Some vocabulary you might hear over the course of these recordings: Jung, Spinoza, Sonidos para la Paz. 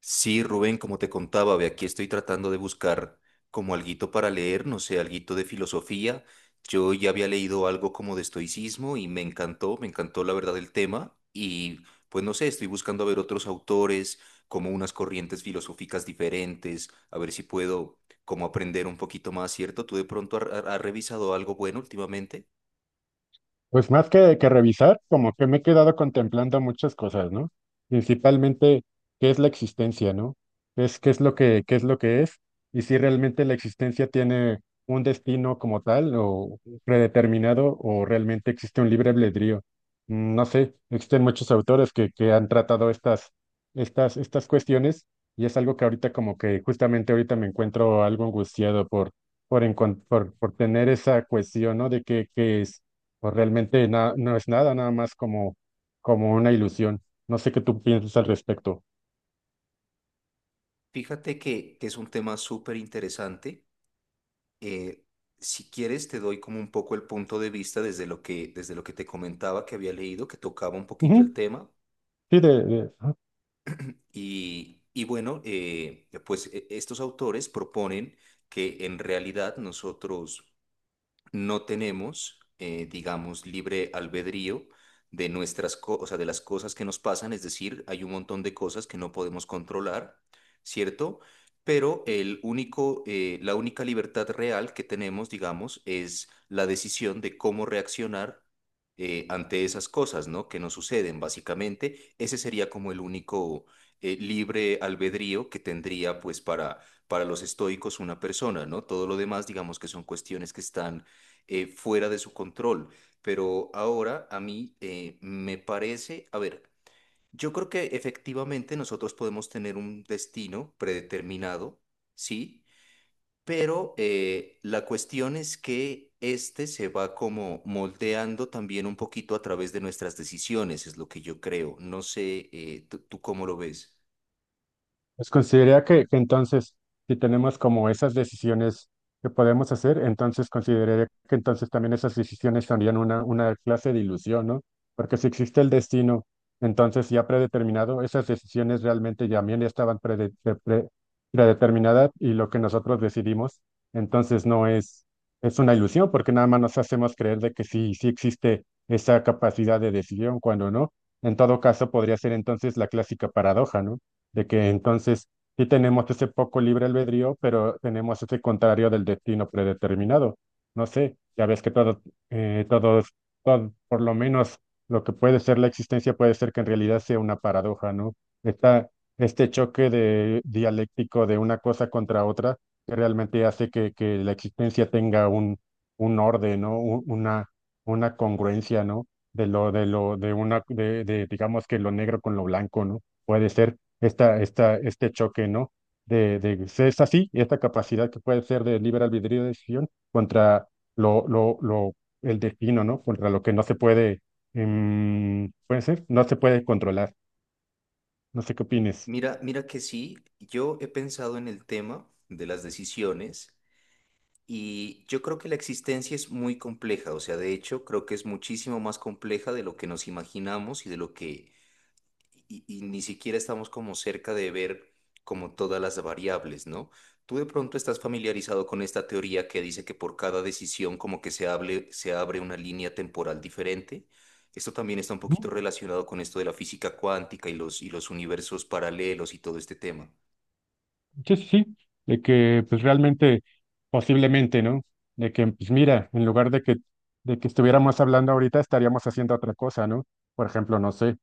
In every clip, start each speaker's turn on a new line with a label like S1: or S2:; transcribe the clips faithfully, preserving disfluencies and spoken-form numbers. S1: Sí, Rubén, como te contaba, ve aquí estoy tratando de buscar como alguito para leer, no sé, alguito de filosofía. Yo ya había leído algo como de estoicismo y me encantó, me encantó la verdad el tema y pues no sé, estoy buscando a ver otros autores, como unas corrientes filosóficas diferentes, a ver si puedo como aprender un poquito más, ¿cierto? ¿Tú de pronto has has revisado algo bueno últimamente?
S2: Pues más que, que revisar, como que me he quedado contemplando muchas cosas, ¿no? Principalmente, ¿qué es la existencia, ¿no? ¿Qué es, qué es lo que, qué es lo que es? Y si realmente la existencia tiene un destino como tal o predeterminado o realmente existe un libre albedrío. Mm, No sé, existen muchos autores que, que han tratado estas, estas, estas cuestiones y es algo que ahorita como que justamente ahorita me encuentro algo angustiado por, por, encon- por, por tener esa cuestión, ¿no? De qué, qué es o realmente na- no es nada, nada más como, como una ilusión. No sé qué tú piensas al respecto.
S1: Fíjate que, que es un tema súper interesante, eh, si quieres, te doy como un poco el punto de vista desde lo que, desde lo que te comentaba que había leído, que tocaba un poquito el
S2: Ujú.
S1: tema.
S2: Sí, de, de-
S1: Y, y bueno, eh, pues e- estos autores proponen que en realidad nosotros no tenemos, eh, digamos, libre albedrío de nuestras cosas, de las cosas que nos pasan, es decir, hay un montón de cosas que no podemos controlar, ¿cierto? Pero el único, eh, la única libertad real que tenemos, digamos, es la decisión de cómo reaccionar eh, ante esas cosas, ¿no? Que nos suceden, básicamente. Ese sería como el único, eh, libre albedrío que tendría, pues, para, para los estoicos una persona, ¿no? Todo lo demás, digamos que son cuestiones que están, eh, fuera de su control. Pero ahora a mí, eh, me parece, a ver, yo creo que efectivamente nosotros podemos tener un destino predeterminado, ¿sí? Pero eh, la cuestión es que este se va como moldeando también un poquito a través de nuestras decisiones, es lo que yo creo. No sé, eh, tú tú ¿cómo lo ves?
S2: Pues consideraría que, que entonces, si tenemos como esas decisiones que podemos hacer, entonces consideraría que entonces también esas decisiones serían una, una clase de ilusión, ¿no? Porque si existe el destino, entonces ya predeterminado, esas decisiones realmente ya también estaban prede- pre- pre- predeterminadas y lo que nosotros decidimos, entonces no es, es una ilusión, porque nada más nos hacemos creer de que sí, sí existe esa capacidad de decisión, cuando no. En todo caso, podría ser entonces la clásica paradoja, ¿no? De que entonces sí tenemos ese poco libre albedrío, pero tenemos ese contrario del destino predeterminado. No sé, ya ves que todo eh, todos, todo- por lo menos lo que puede ser la existencia puede ser que en realidad sea una paradoja, ¿no? Está este choque de, dialéctico de una cosa contra otra que realmente hace que, que la existencia tenga un, un orden, ¿no? Un- Una, una congruencia, ¿no? De lo, de lo, de una, de, de, digamos que lo negro con lo blanco, ¿no? Puede ser esta, esta, este choque, ¿no? De, de ser es así, esta capacidad que puede ser de libre albedrío de decisión contra lo, lo, lo, el destino, ¿no? Contra lo que no se puede, em, puede ser, no se puede controlar. No sé qué opines.
S1: Mira, mira que sí, yo he pensado en el tema de las decisiones. Y yo creo que la existencia es muy compleja, o sea, de hecho, creo que es muchísimo más compleja de lo que nos imaginamos y de lo que y, y ni siquiera estamos como cerca de ver como todas las variables, ¿no? Tú de pronto estás familiarizado con esta teoría que dice que por cada decisión como que se hable, se abre una línea temporal diferente. Esto también está un poquito
S2: Ujú.
S1: relacionado con esto de la física cuántica y los, y los universos paralelos y todo este tema.
S2: Sí, sí, sí, de que pues realmente, posiblemente, ¿no? De que, pues mira, en lugar de que, de que estuviéramos hablando ahorita, estaríamos haciendo otra cosa, ¿no? Por ejemplo, no sé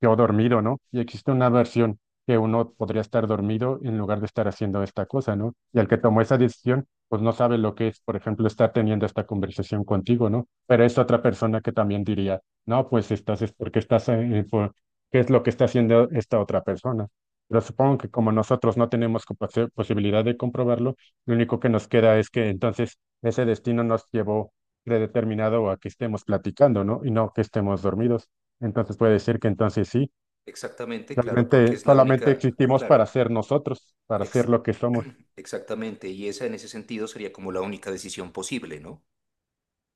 S2: quedó dormido, ¿no? Y existe una versión que uno podría estar dormido en lugar de estar haciendo esta cosa, ¿no? Y el que tomó esa decisión, pues no sabe lo que es, por ejemplo, estar teniendo esta conversación contigo, ¿no? Pero es otra persona que también diría, no, pues estás, es porque estás, eh, por- ¿qué es lo que está haciendo esta otra persona? Pero supongo que como nosotros no tenemos como posibilidad de comprobarlo, lo único que nos queda es que entonces ese destino nos llevó predeterminado a que estemos platicando, ¿no? Y no que estemos dormidos. Entonces puede decir que entonces sí,
S1: Exactamente, claro, porque
S2: realmente
S1: es la
S2: solamente
S1: única,
S2: existimos
S1: claro.
S2: para ser nosotros, para ser
S1: Ex-
S2: lo que somos.
S1: Exactamente, y esa en ese sentido sería como la única decisión posible, ¿no?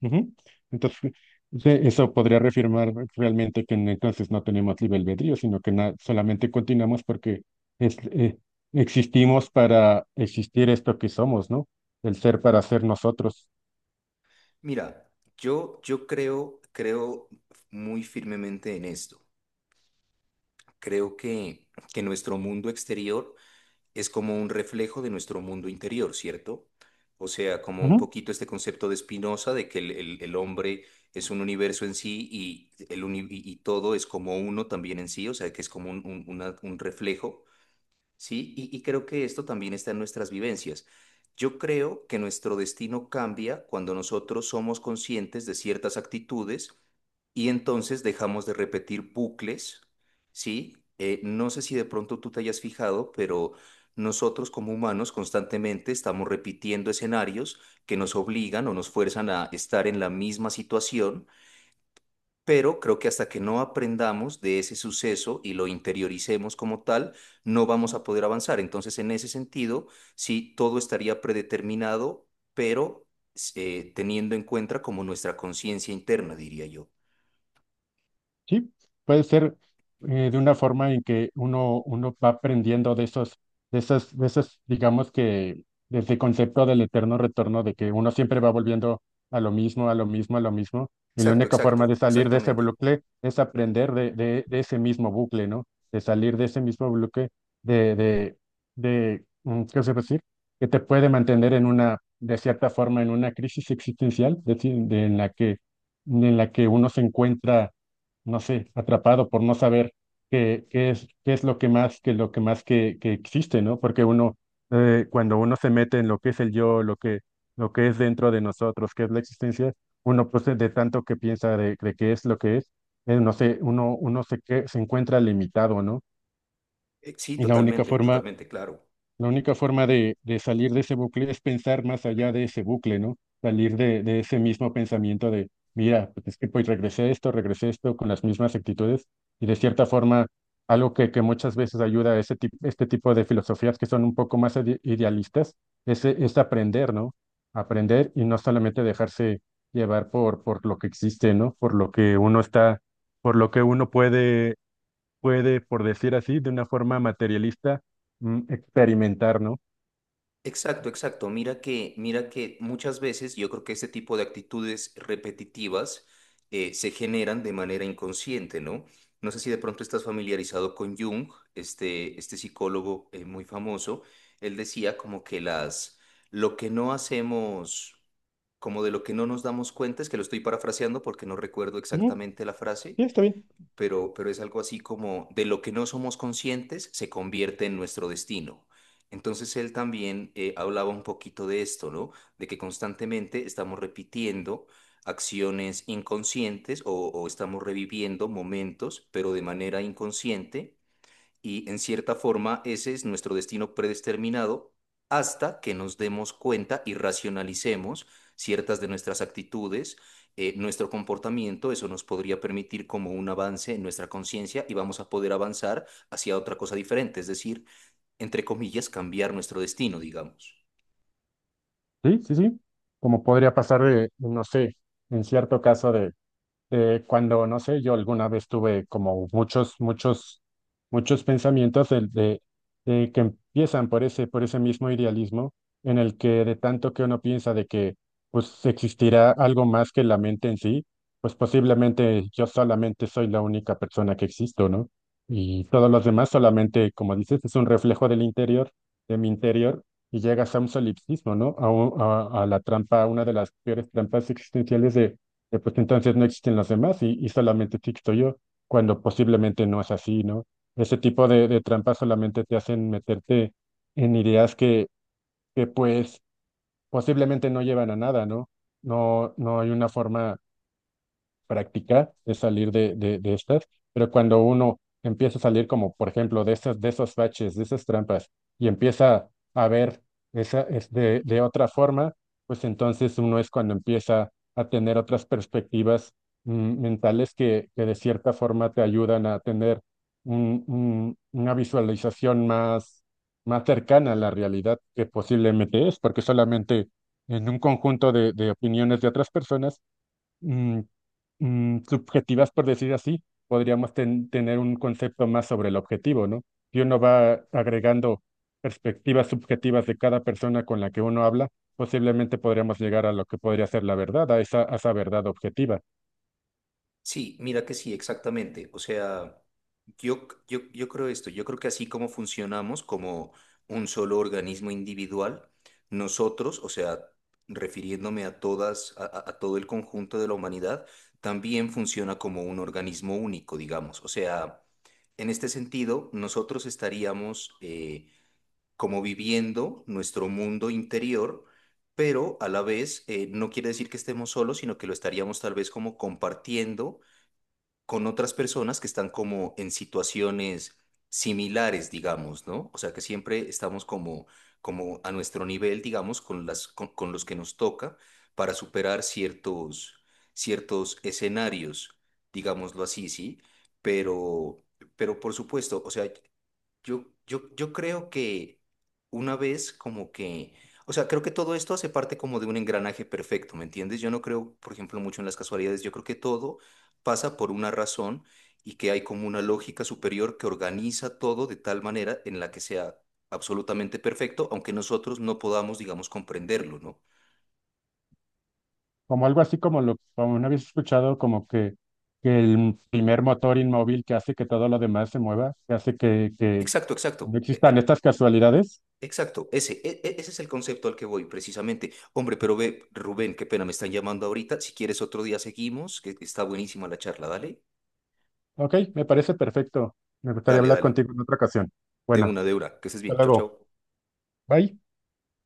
S2: Ujú. Entonces, sí, eso podría reafirmar realmente que n- entonces no tenemos libre albedrío, sino que na- solamente continuamos porque es, eh, existimos para existir esto que somos, ¿no? El ser para ser nosotros.
S1: Mira, yo, yo creo, creo muy firmemente en esto. Creo que, que nuestro mundo exterior es como un reflejo de nuestro mundo interior, ¿cierto? O sea, como un
S2: Ujú.
S1: poquito este concepto de Spinoza de que el, el- el hombre es un universo en sí y, el uni- y y todo es como uno también en sí, o sea, que es como un, un una- un reflejo. Sí, y, y creo que esto también está en nuestras vivencias. Yo creo que nuestro destino cambia cuando nosotros somos conscientes de ciertas actitudes y entonces dejamos de repetir bucles, ¿sí? Eh, no sé si de pronto tú te hayas fijado, pero nosotros como humanos constantemente estamos repitiendo escenarios que nos obligan o nos fuerzan a estar en la misma situación, pero creo que hasta que no aprendamos de ese suceso y lo interioricemos como tal, no vamos a poder avanzar. Entonces, en ese sentido, sí, todo estaría predeterminado, pero, eh, teniendo en cuenta como nuestra conciencia interna, diría yo.
S2: Sí, puede ser eh, de una forma en que uno, uno va aprendiendo de esos, de esas, de esas, digamos que desde el concepto del eterno retorno, de que uno siempre va volviendo a lo mismo, a lo mismo, a lo mismo, y la
S1: Exacto,
S2: única
S1: exacto,
S2: forma de salir de ese
S1: exactamente.
S2: bucle es aprender de, de, de ese mismo bucle, ¿no? De salir de ese mismo bucle, de, de, de, mm, ¿qué se puede decir? Que te puede mantener en una, de cierta forma, en una crisis existencial, es decir, de- en la que, en la que uno se encuentra no sé, atrapado por no saber qué, qué es, qué es lo que más, que lo que más que, que existe, ¿no? Porque uno, eh, cuando uno se mete en lo que es el yo, lo que, lo que es dentro de nosotros, qué es la existencia, uno pues de tanto que piensa de, de qué es lo que es, eh, no sé, uno, uno se, que, se encuentra limitado, ¿no?
S1: Eh, Sí,
S2: Y la única
S1: totalmente,
S2: forma,
S1: totalmente, claro.
S2: la única forma de, de salir de ese bucle es pensar más allá de ese bucle, ¿no? Salir de, de ese mismo pensamiento de, mira, pues es que pues regresé a esto, regresé a esto con las mismas actitudes y de cierta forma algo que, que muchas veces ayuda a ese tip- este tipo de filosofías que son un poco más ide- idealistas es, es aprender, ¿no? Aprender y no solamente dejarse llevar por, por lo que existe, ¿no? Por lo que uno está, por lo que uno puede puede, por decir así, de una forma materialista, mm, experimentar, ¿no?
S1: Exacto, exacto. Mira que, mira que muchas veces yo creo que este tipo de actitudes repetitivas, eh, se generan de manera inconsciente, ¿no? No sé si de pronto estás familiarizado con Jung, este, este psicólogo, eh, muy famoso. Él decía como que las, lo que no hacemos, como de lo que no nos damos cuenta, es que lo estoy parafraseando porque no recuerdo
S2: Ujú.
S1: exactamente la frase,
S2: Sí, está bien.
S1: pero, pero es algo así como de lo que no somos conscientes se convierte en nuestro destino. Entonces él también, eh, hablaba un poquito de esto, ¿no? De que constantemente estamos repitiendo acciones inconscientes o, o estamos reviviendo momentos, pero de manera inconsciente y en cierta forma ese es nuestro destino predeterminado hasta que nos demos cuenta y racionalicemos ciertas de nuestras actitudes, eh, nuestro comportamiento, eso nos podría permitir como un avance en nuestra conciencia y vamos a poder avanzar hacia otra cosa diferente, es decir, entre comillas, cambiar nuestro destino, digamos.
S2: Sí, sí, sí. Como podría pasar, eh, no sé, en cierto caso de eh, cuando, no sé, yo alguna vez tuve como muchos, muchos, muchos pensamientos del- de, de que empiezan por ese, por ese mismo idealismo en el que de tanto que uno piensa de que pues existirá algo más que la mente en sí, pues posiblemente yo solamente soy la única persona que existo, ¿no? Y todos los demás solamente, como dices, es un reflejo del interior, de mi interior, y llegas a un solipsismo, ¿no? A, un- a a la trampa, una de las peores trampas existenciales de eh, pues entonces no existen los demás y, y solamente existo yo, cuando posiblemente no es así, ¿no? Ese tipo de, de trampas solamente te hacen meterte en ideas que, que pues posiblemente no llevan a nada, ¿no? No, no hay una forma practicar es salir de, de, de estas, pero cuando uno empieza a salir como, por ejemplo, de esas, de esos baches, de esas trampas, y empieza a ver esa, es de, de otra forma, pues entonces uno es cuando empieza a tener otras perspectivas mm, mentales que, que de cierta forma te ayudan a tener un- un- una visualización más, más cercana a la realidad que posiblemente es, porque solamente en un conjunto de de opiniones de otras personas, mm, mm, subjetivas, por decir así, podríamos ten- tener un concepto más sobre el objetivo, ¿no? Si uno va agregando perspectivas subjetivas de cada persona con la que uno habla, posiblemente podríamos llegar a lo que podría ser la verdad, a esa, a esa verdad objetiva.
S1: Sí, mira que sí, exactamente. O sea, yo, yo, yo creo esto, yo creo que así como funcionamos como un solo organismo individual, nosotros, o sea, refiriéndome a todas, a, a- a todo el conjunto de la humanidad, también funciona como un organismo único, digamos. O sea, en este sentido, nosotros estaríamos, eh, como viviendo nuestro mundo interior, pero a la vez, eh, no quiere decir que estemos solos, sino que lo estaríamos tal vez como compartiendo con otras personas que están como en situaciones similares, digamos, ¿no? O sea, que siempre estamos como, como a nuestro nivel, digamos, con las, con, con los que nos toca para superar ciertos, ciertos escenarios, digámoslo así, ¿sí? Pero, pero por supuesto, o sea, yo, yo, yo creo que una vez como que, o sea, creo que todo esto hace parte como de un engranaje perfecto, ¿me entiendes? Yo no creo, por ejemplo, mucho en las casualidades, yo creo que todo pasa por una razón y que hay como una lógica superior que organiza todo de tal manera en la que sea absolutamente perfecto, aunque nosotros no podamos, digamos, comprenderlo, ¿no?
S2: Como algo así como lo como una vez escuchado, como que, que el primer motor inmóvil que hace que todo lo demás se mueva, que hace que, que
S1: Exacto, exacto.
S2: no
S1: E- e,
S2: existan estas casualidades.
S1: exacto, ese, e- e- ese es el concepto al que voy precisamente. Hombre, pero ve, Rubén, qué pena, me están llamando ahorita. Si quieres otro día seguimos, que está buenísima la charla, dale,
S2: Ok, me parece perfecto. Me gustaría
S1: dale,
S2: hablar
S1: dale.
S2: contigo en otra ocasión.
S1: De
S2: Bueno.
S1: una, de una, que estés
S2: Hasta
S1: bien, chao,
S2: luego.
S1: chao.
S2: Bye.